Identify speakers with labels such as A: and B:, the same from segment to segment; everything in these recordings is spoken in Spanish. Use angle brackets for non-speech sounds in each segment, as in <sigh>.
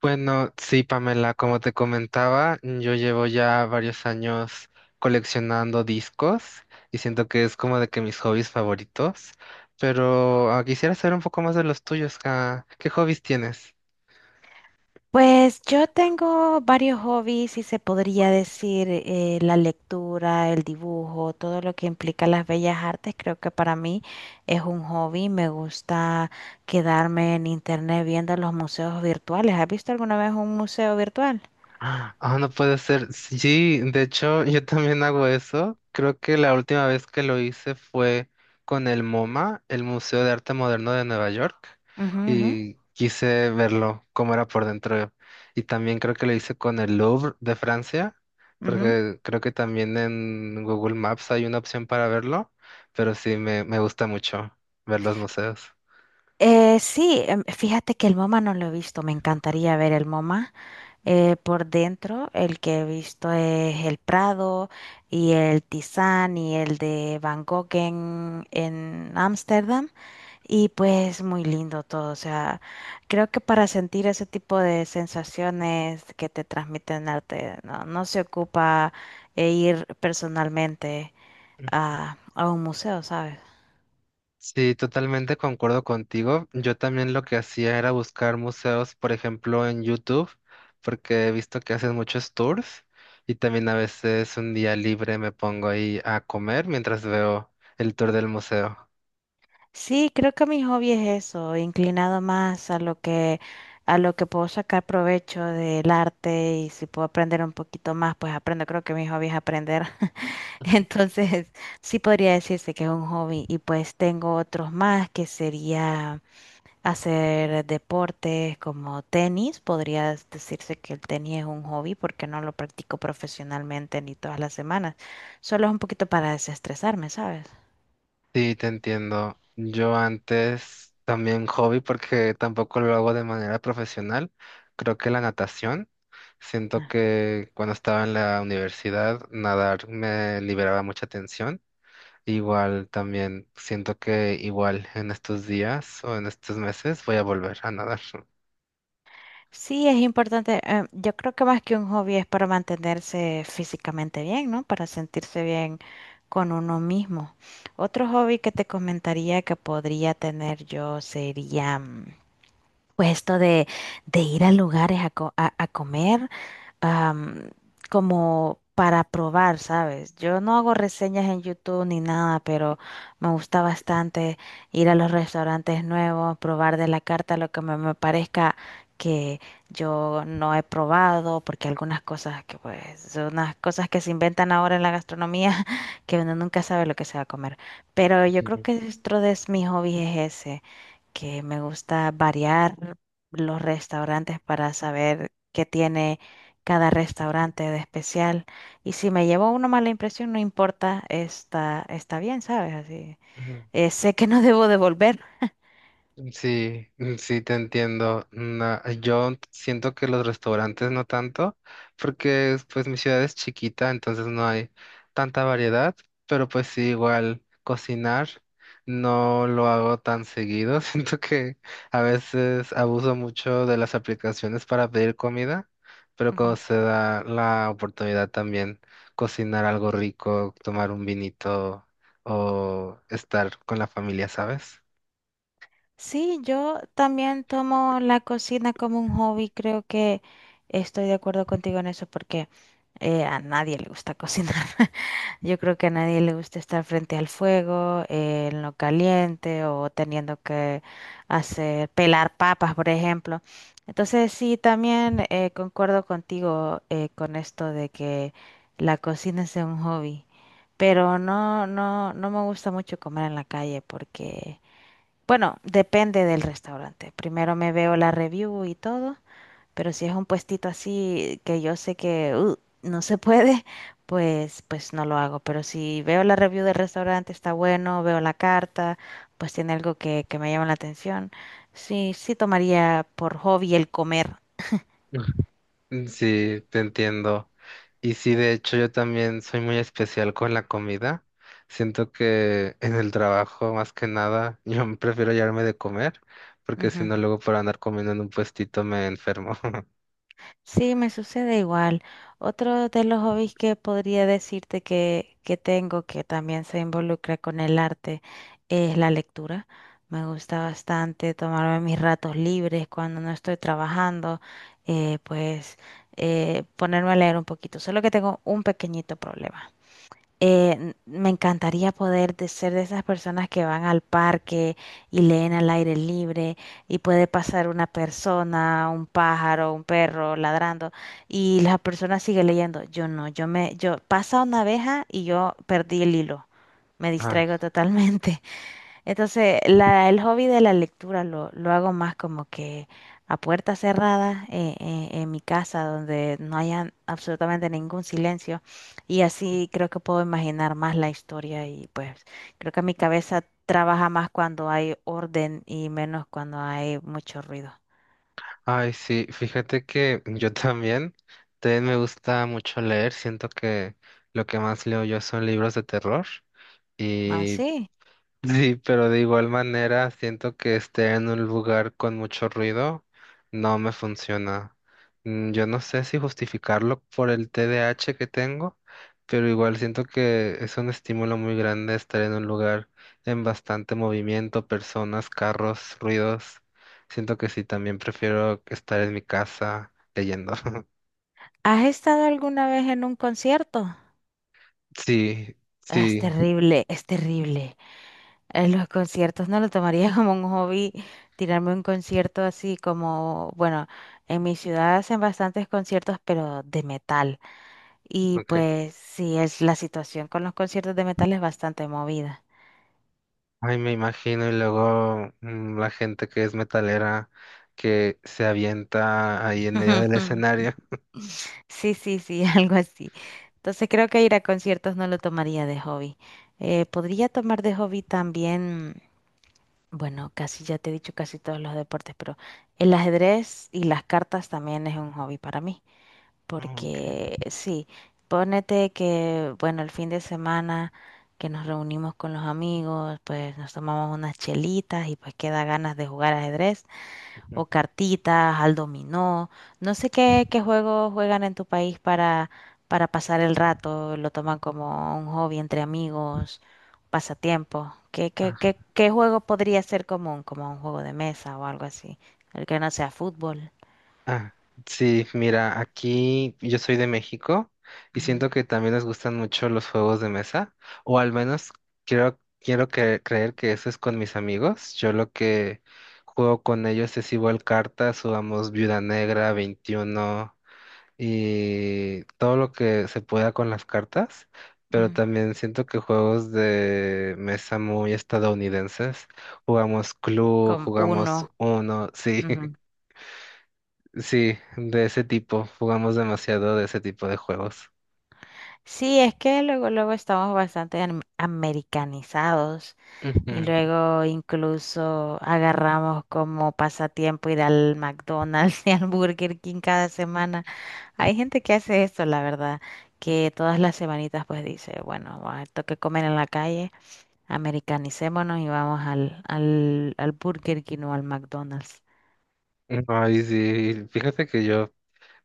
A: Bueno, sí, Pamela, como te comentaba, yo llevo ya varios años coleccionando discos y siento que es como de que mis hobbies favoritos, pero quisiera saber un poco más de los tuyos. ¿Qué hobbies tienes?
B: Pues yo tengo varios hobbies, si se podría decir, la lectura, el dibujo, todo lo que implica las bellas artes, creo que para mí es un hobby. Me gusta quedarme en internet viendo los museos virtuales. ¿Has visto alguna vez un museo virtual?
A: Ah, no puede ser. Sí, de hecho, yo también hago eso. Creo que la última vez que lo hice fue con el MoMA, el Museo de Arte Moderno de Nueva York,
B: Ujú, ujú,
A: y quise verlo, cómo era por dentro. Y también creo que lo hice con el Louvre de Francia,
B: ujú.
A: porque creo que también en Google Maps hay una opción para verlo, pero sí, me gusta mucho ver los museos.
B: Sí, fíjate que el MoMA no lo he visto, me encantaría ver el MoMA por dentro. El que he visto es el Prado y el Tizán y el de Van Gogh en Ámsterdam. Y pues muy lindo todo, o sea, creo que para sentir ese tipo de sensaciones que te transmiten arte, no, no se ocupa ir personalmente a un museo, ¿sabes?
A: Sí, totalmente concuerdo contigo. Yo también lo que hacía era buscar museos, por ejemplo, en YouTube, porque he visto que hacen muchos tours y también a veces un día libre me pongo ahí a comer mientras veo el tour del museo.
B: Sí, creo que mi hobby es eso, inclinado más a lo que puedo sacar provecho del arte, y si puedo aprender un poquito más, pues aprendo. Creo que mi hobby es aprender. <laughs> Entonces, sí podría decirse que es un hobby, y pues tengo otros más que sería hacer deportes como tenis. Podría decirse que el tenis es un hobby porque no lo practico profesionalmente ni todas las semanas. Solo es un poquito para desestresarme, ¿sabes?
A: Sí, te entiendo. Yo antes también hobby, porque tampoco lo hago de manera profesional, creo que la natación. Siento que cuando estaba en la universidad, nadar me liberaba mucha tensión. Igual también siento que igual en estos días o en estos meses voy a volver a nadar.
B: Sí, es importante. Yo creo que más que un hobby es para mantenerse físicamente bien, ¿no? Para sentirse bien con uno mismo. Otro hobby que te comentaría que podría tener yo sería, pues esto de ir a lugares a, a comer, am, como para probar, ¿sabes? Yo no hago reseñas en YouTube ni nada, pero me gusta bastante ir a los restaurantes nuevos, probar de la carta lo que me parezca que yo no he probado, porque algunas cosas que pues son unas cosas que se inventan ahora en la gastronomía <laughs> que uno nunca sabe lo que se va a comer. Pero yo creo que
A: <laughs>
B: dentro de mis hobbies es ese, que me gusta variar los restaurantes para saber qué tiene cada restaurante de especial. Y si me llevo una mala impresión, no importa, está bien, ¿sabes? Así,
A: Ujú.
B: sé que no debo devolver.
A: Sí, sí te entiendo. No, yo siento que los restaurantes no tanto, porque pues mi ciudad es chiquita, entonces no hay tanta variedad, pero pues sí, igual cocinar no lo hago tan seguido. <laughs> Siento que a veces abuso mucho de las aplicaciones para pedir comida, pero cuando se da la oportunidad también cocinar algo rico, tomar un vinito o estar con la familia, ¿sabes?
B: Sí, yo también tomo la cocina como un hobby. Creo que estoy de acuerdo contigo en eso porque a nadie le gusta cocinar. <laughs> Yo creo que a nadie le gusta estar frente al fuego, en lo caliente, o teniendo que hacer pelar papas, por ejemplo. Entonces, sí, también concuerdo contigo con esto de que la cocina sea un hobby. Pero no me gusta mucho comer en la calle porque bueno, depende del restaurante. Primero me veo la review y todo, pero si es un puestito así que yo sé que no se puede, <laughs> pues no lo hago. Pero si veo la review del restaurante, está bueno, veo la carta, pues tiene algo que me llama la atención. Sí, sí tomaría por hobby el comer.
A: <laughs> Sí, te entiendo. Y sí, de hecho, yo también soy muy especial con la comida. Siento que en el trabajo, más que nada, yo <laughs> prefiero llevarme de comer, porque si no, luego por andar comiendo en un puestito me enfermo. <laughs>
B: Sí, me sucede igual. Otro de los hobbies que podría decirte que tengo, que también se involucra con el arte, es la lectura. Me gusta bastante tomarme mis ratos libres cuando no estoy trabajando, eh, pues ponerme a leer un poquito. Solo que tengo un pequeñito problema. Eh, Me encantaría poder ser de esas personas que van al parque y leen al aire libre, y puede pasar una persona, un pájaro, un perro ladrando, y la persona sigue leyendo. Yo no, yo me, Yo pasa una abeja y yo perdí el hilo. Me
A: Ay,
B: distraigo <laughs> totalmente. Entonces, el hobby de la lectura lo hago más como que a puerta cerrada, en mi casa, donde no haya absolutamente ningún silencio. Y así creo que puedo imaginar más la historia, y pues creo que mi cabeza trabaja más cuando hay orden y menos cuando hay mucho ruido.
A: ay, sí, fíjate que yo también, también me gusta mucho leer. Siento que lo que más leo yo son libros de terror.
B: Ah,
A: y
B: sí.
A: Sí, pero de igual manera siento que esté en un lugar con mucho ruido no me funciona. Yo no sé si justificarlo por el TDAH que tengo, pero igual siento que es un estímulo muy grande estar en un lugar en bastante movimiento, personas, carros, ruidos. Siento que sí, también prefiero estar en mi casa leyendo. <laughs>
B: ¿Has estado alguna vez en un concierto?
A: Sí,
B: Ah, es
A: sí,
B: terrible, es terrible. Los conciertos no lo tomaría <laughs> como un hobby, tirarme un concierto así como, bueno, en mi ciudad hacen bastantes conciertos, pero de metal. Y
A: ok.
B: pues sí, es la situación con los conciertos de metal es bastante movida.
A: Ay, me imagino, y luego la gente que es metalera que se avienta ahí en medio del
B: <laughs>
A: escenario.
B: Sí, sí, sí, <laughs> algo así. Entonces creo que ir a conciertos no lo tomaría de hobby. Podría tomar de hobby también. Bueno, casi ya te he dicho casi todos los deportes, pero el ajedrez y las cartas también es un hobby para mí,
A: Oh, ok.
B: porque sí, ponete que, bueno, el fin de semana que nos reunimos con los amigos, pues nos tomamos unas chelitas y pues queda ganas de jugar ajedrez
A: Ujú.
B: o cartitas, al dominó. No sé qué juegos juegan en tu país para pasar el rato, lo toman como un hobby entre amigos, pasatiempo.
A: Ah,
B: Qué juego podría ser común, como un juego de mesa o algo así? El que no sea fútbol.
A: ah, sí, mira, aquí yo soy de México y
B: Ujú,
A: siento que también les gustan mucho los juegos de mesa, o al menos creer que eso es con mis amigos. Yo lo que juego con ellos es igual cartas, jugamos Viuda Negra, 21. Y todo lo que se pueda con las cartas, pero
B: ujú.
A: también siento que juegos de mesa muy estadounidenses, jugamos Clue,
B: Como
A: jugamos
B: uno.
A: Uno, sí, <laughs> sí, de ese tipo, jugamos demasiado de ese tipo de juegos.
B: Sí, es que luego estamos bastante americanizados, y
A: Ujú.
B: luego incluso agarramos como pasatiempo ir al McDonald's <laughs> y al Burger King cada semana. Hay gente que hace esto, la verdad, que todas las semanitas pues dice, bueno, va, toque comer en la calle, americanicémonos y vamos al Burger King o al McDonald's.
A: Ay, sí, fíjate que yo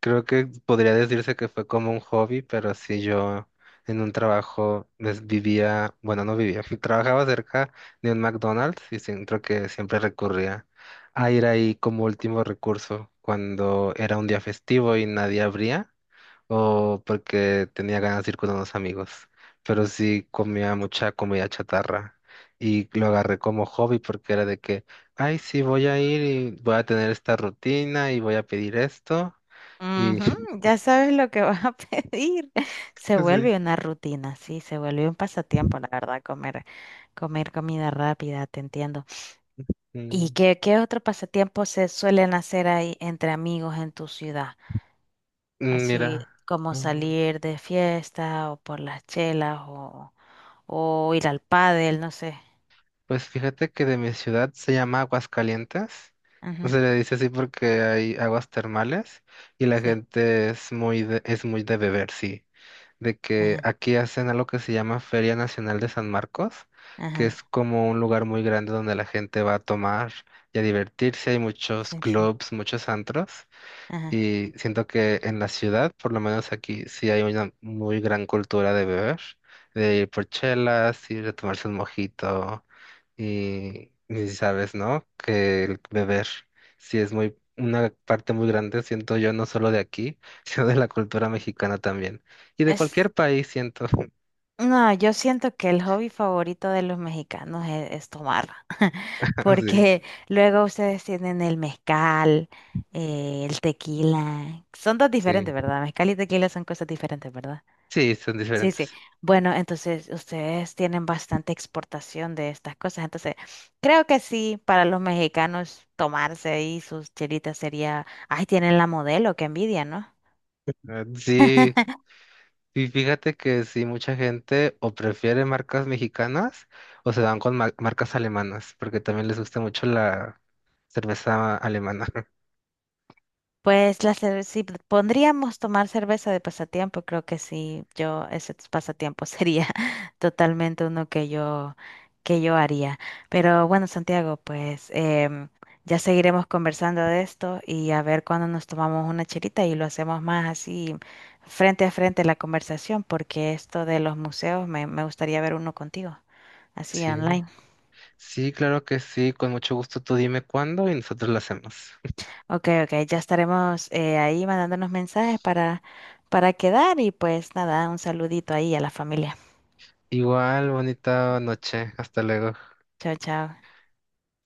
A: creo que podría decirse que fue como un hobby, pero sí yo en un trabajo pues, vivía, bueno, no vivía, <laughs> trabajaba cerca de un McDonald's y siento que siempre recurría a ir ahí como último recurso cuando era un día festivo y nadie abría o porque tenía ganas de ir con unos amigos. Pero sí comía mucha comida chatarra y lo agarré como hobby porque era de que, ay, sí, voy a ir y voy a tener esta rutina y voy a pedir esto. Y
B: Ujú, ya sabes lo que vas a <laughs> pedir. Se
A: sí.
B: vuelve una rutina, sí, se vuelve un pasatiempo, la verdad, comer comida rápida, te entiendo. ¿Y
A: Mm,
B: qué otro pasatiempo se suelen hacer ahí entre amigos en tu ciudad? Así
A: Mira,
B: como
A: mm,
B: salir de fiesta o por las chelas, o ir al pádel, no sé.
A: pues fíjate que de mi ciudad se llama Aguascalientes. No
B: Ajá,
A: se le dice así porque hay aguas termales y la
B: sí,
A: gente es muy de beber, sí. De que
B: ajá,
A: aquí hacen algo que se llama Feria Nacional de San Marcos, que es
B: ajá,
A: como un lugar muy grande donde la gente va a tomar y a divertirse. Hay muchos
B: sí, sí,
A: clubs, muchos antros.
B: ajá.
A: Y siento que en la ciudad, por lo menos aquí, sí hay una muy gran cultura de beber, de ir por chelas, ir a tomarse un mojito y si sabes, ¿no? Que el beber sí es muy una parte muy grande, siento yo, no solo de aquí, <laughs> sino de la cultura mexicana también. Y de cualquier país, siento.
B: No, yo siento que el hobby favorito de los mexicanos es tomar, <laughs>
A: <laughs> Sí,
B: porque luego ustedes tienen el mezcal, el tequila, son dos diferentes,
A: sí,
B: ¿verdad? Mezcal y tequila son cosas diferentes, ¿verdad?
A: sí, son
B: Sí, sí.
A: diferentes.
B: Bueno, entonces ustedes tienen bastante exportación de estas cosas, entonces creo que sí, para los mexicanos tomarse ahí sus chelitas sería, ay, tienen la Modelo, qué envidia, ¿no?
A: Sí.
B: <laughs>
A: Y fíjate que sí, mucha gente o prefiere marcas mexicanas o se van con marcas alemanas, porque también les gusta mucho la cerveza alemana. <laughs>
B: Pues la si pondríamos tomar cerveza de pasatiempo, creo que sí, yo ese pasatiempo sería <laughs> totalmente uno que yo haría. Pero bueno, Santiago, pues ya seguiremos conversando de esto, y a ver cuándo nos tomamos una chelita y lo hacemos más así frente a frente la conversación, porque esto de los museos me gustaría ver uno contigo, así
A: Sí,
B: online.
A: sí, claro que sí, con mucho gusto. Tú dime cuándo y nosotros lo hacemos. <laughs>
B: Ok, ok, ya estaremos ahí mandándonos mensajes para quedar, y pues nada, un saludito ahí a la familia.
A: Igual, bonita noche. Hasta luego.
B: Chao, chao.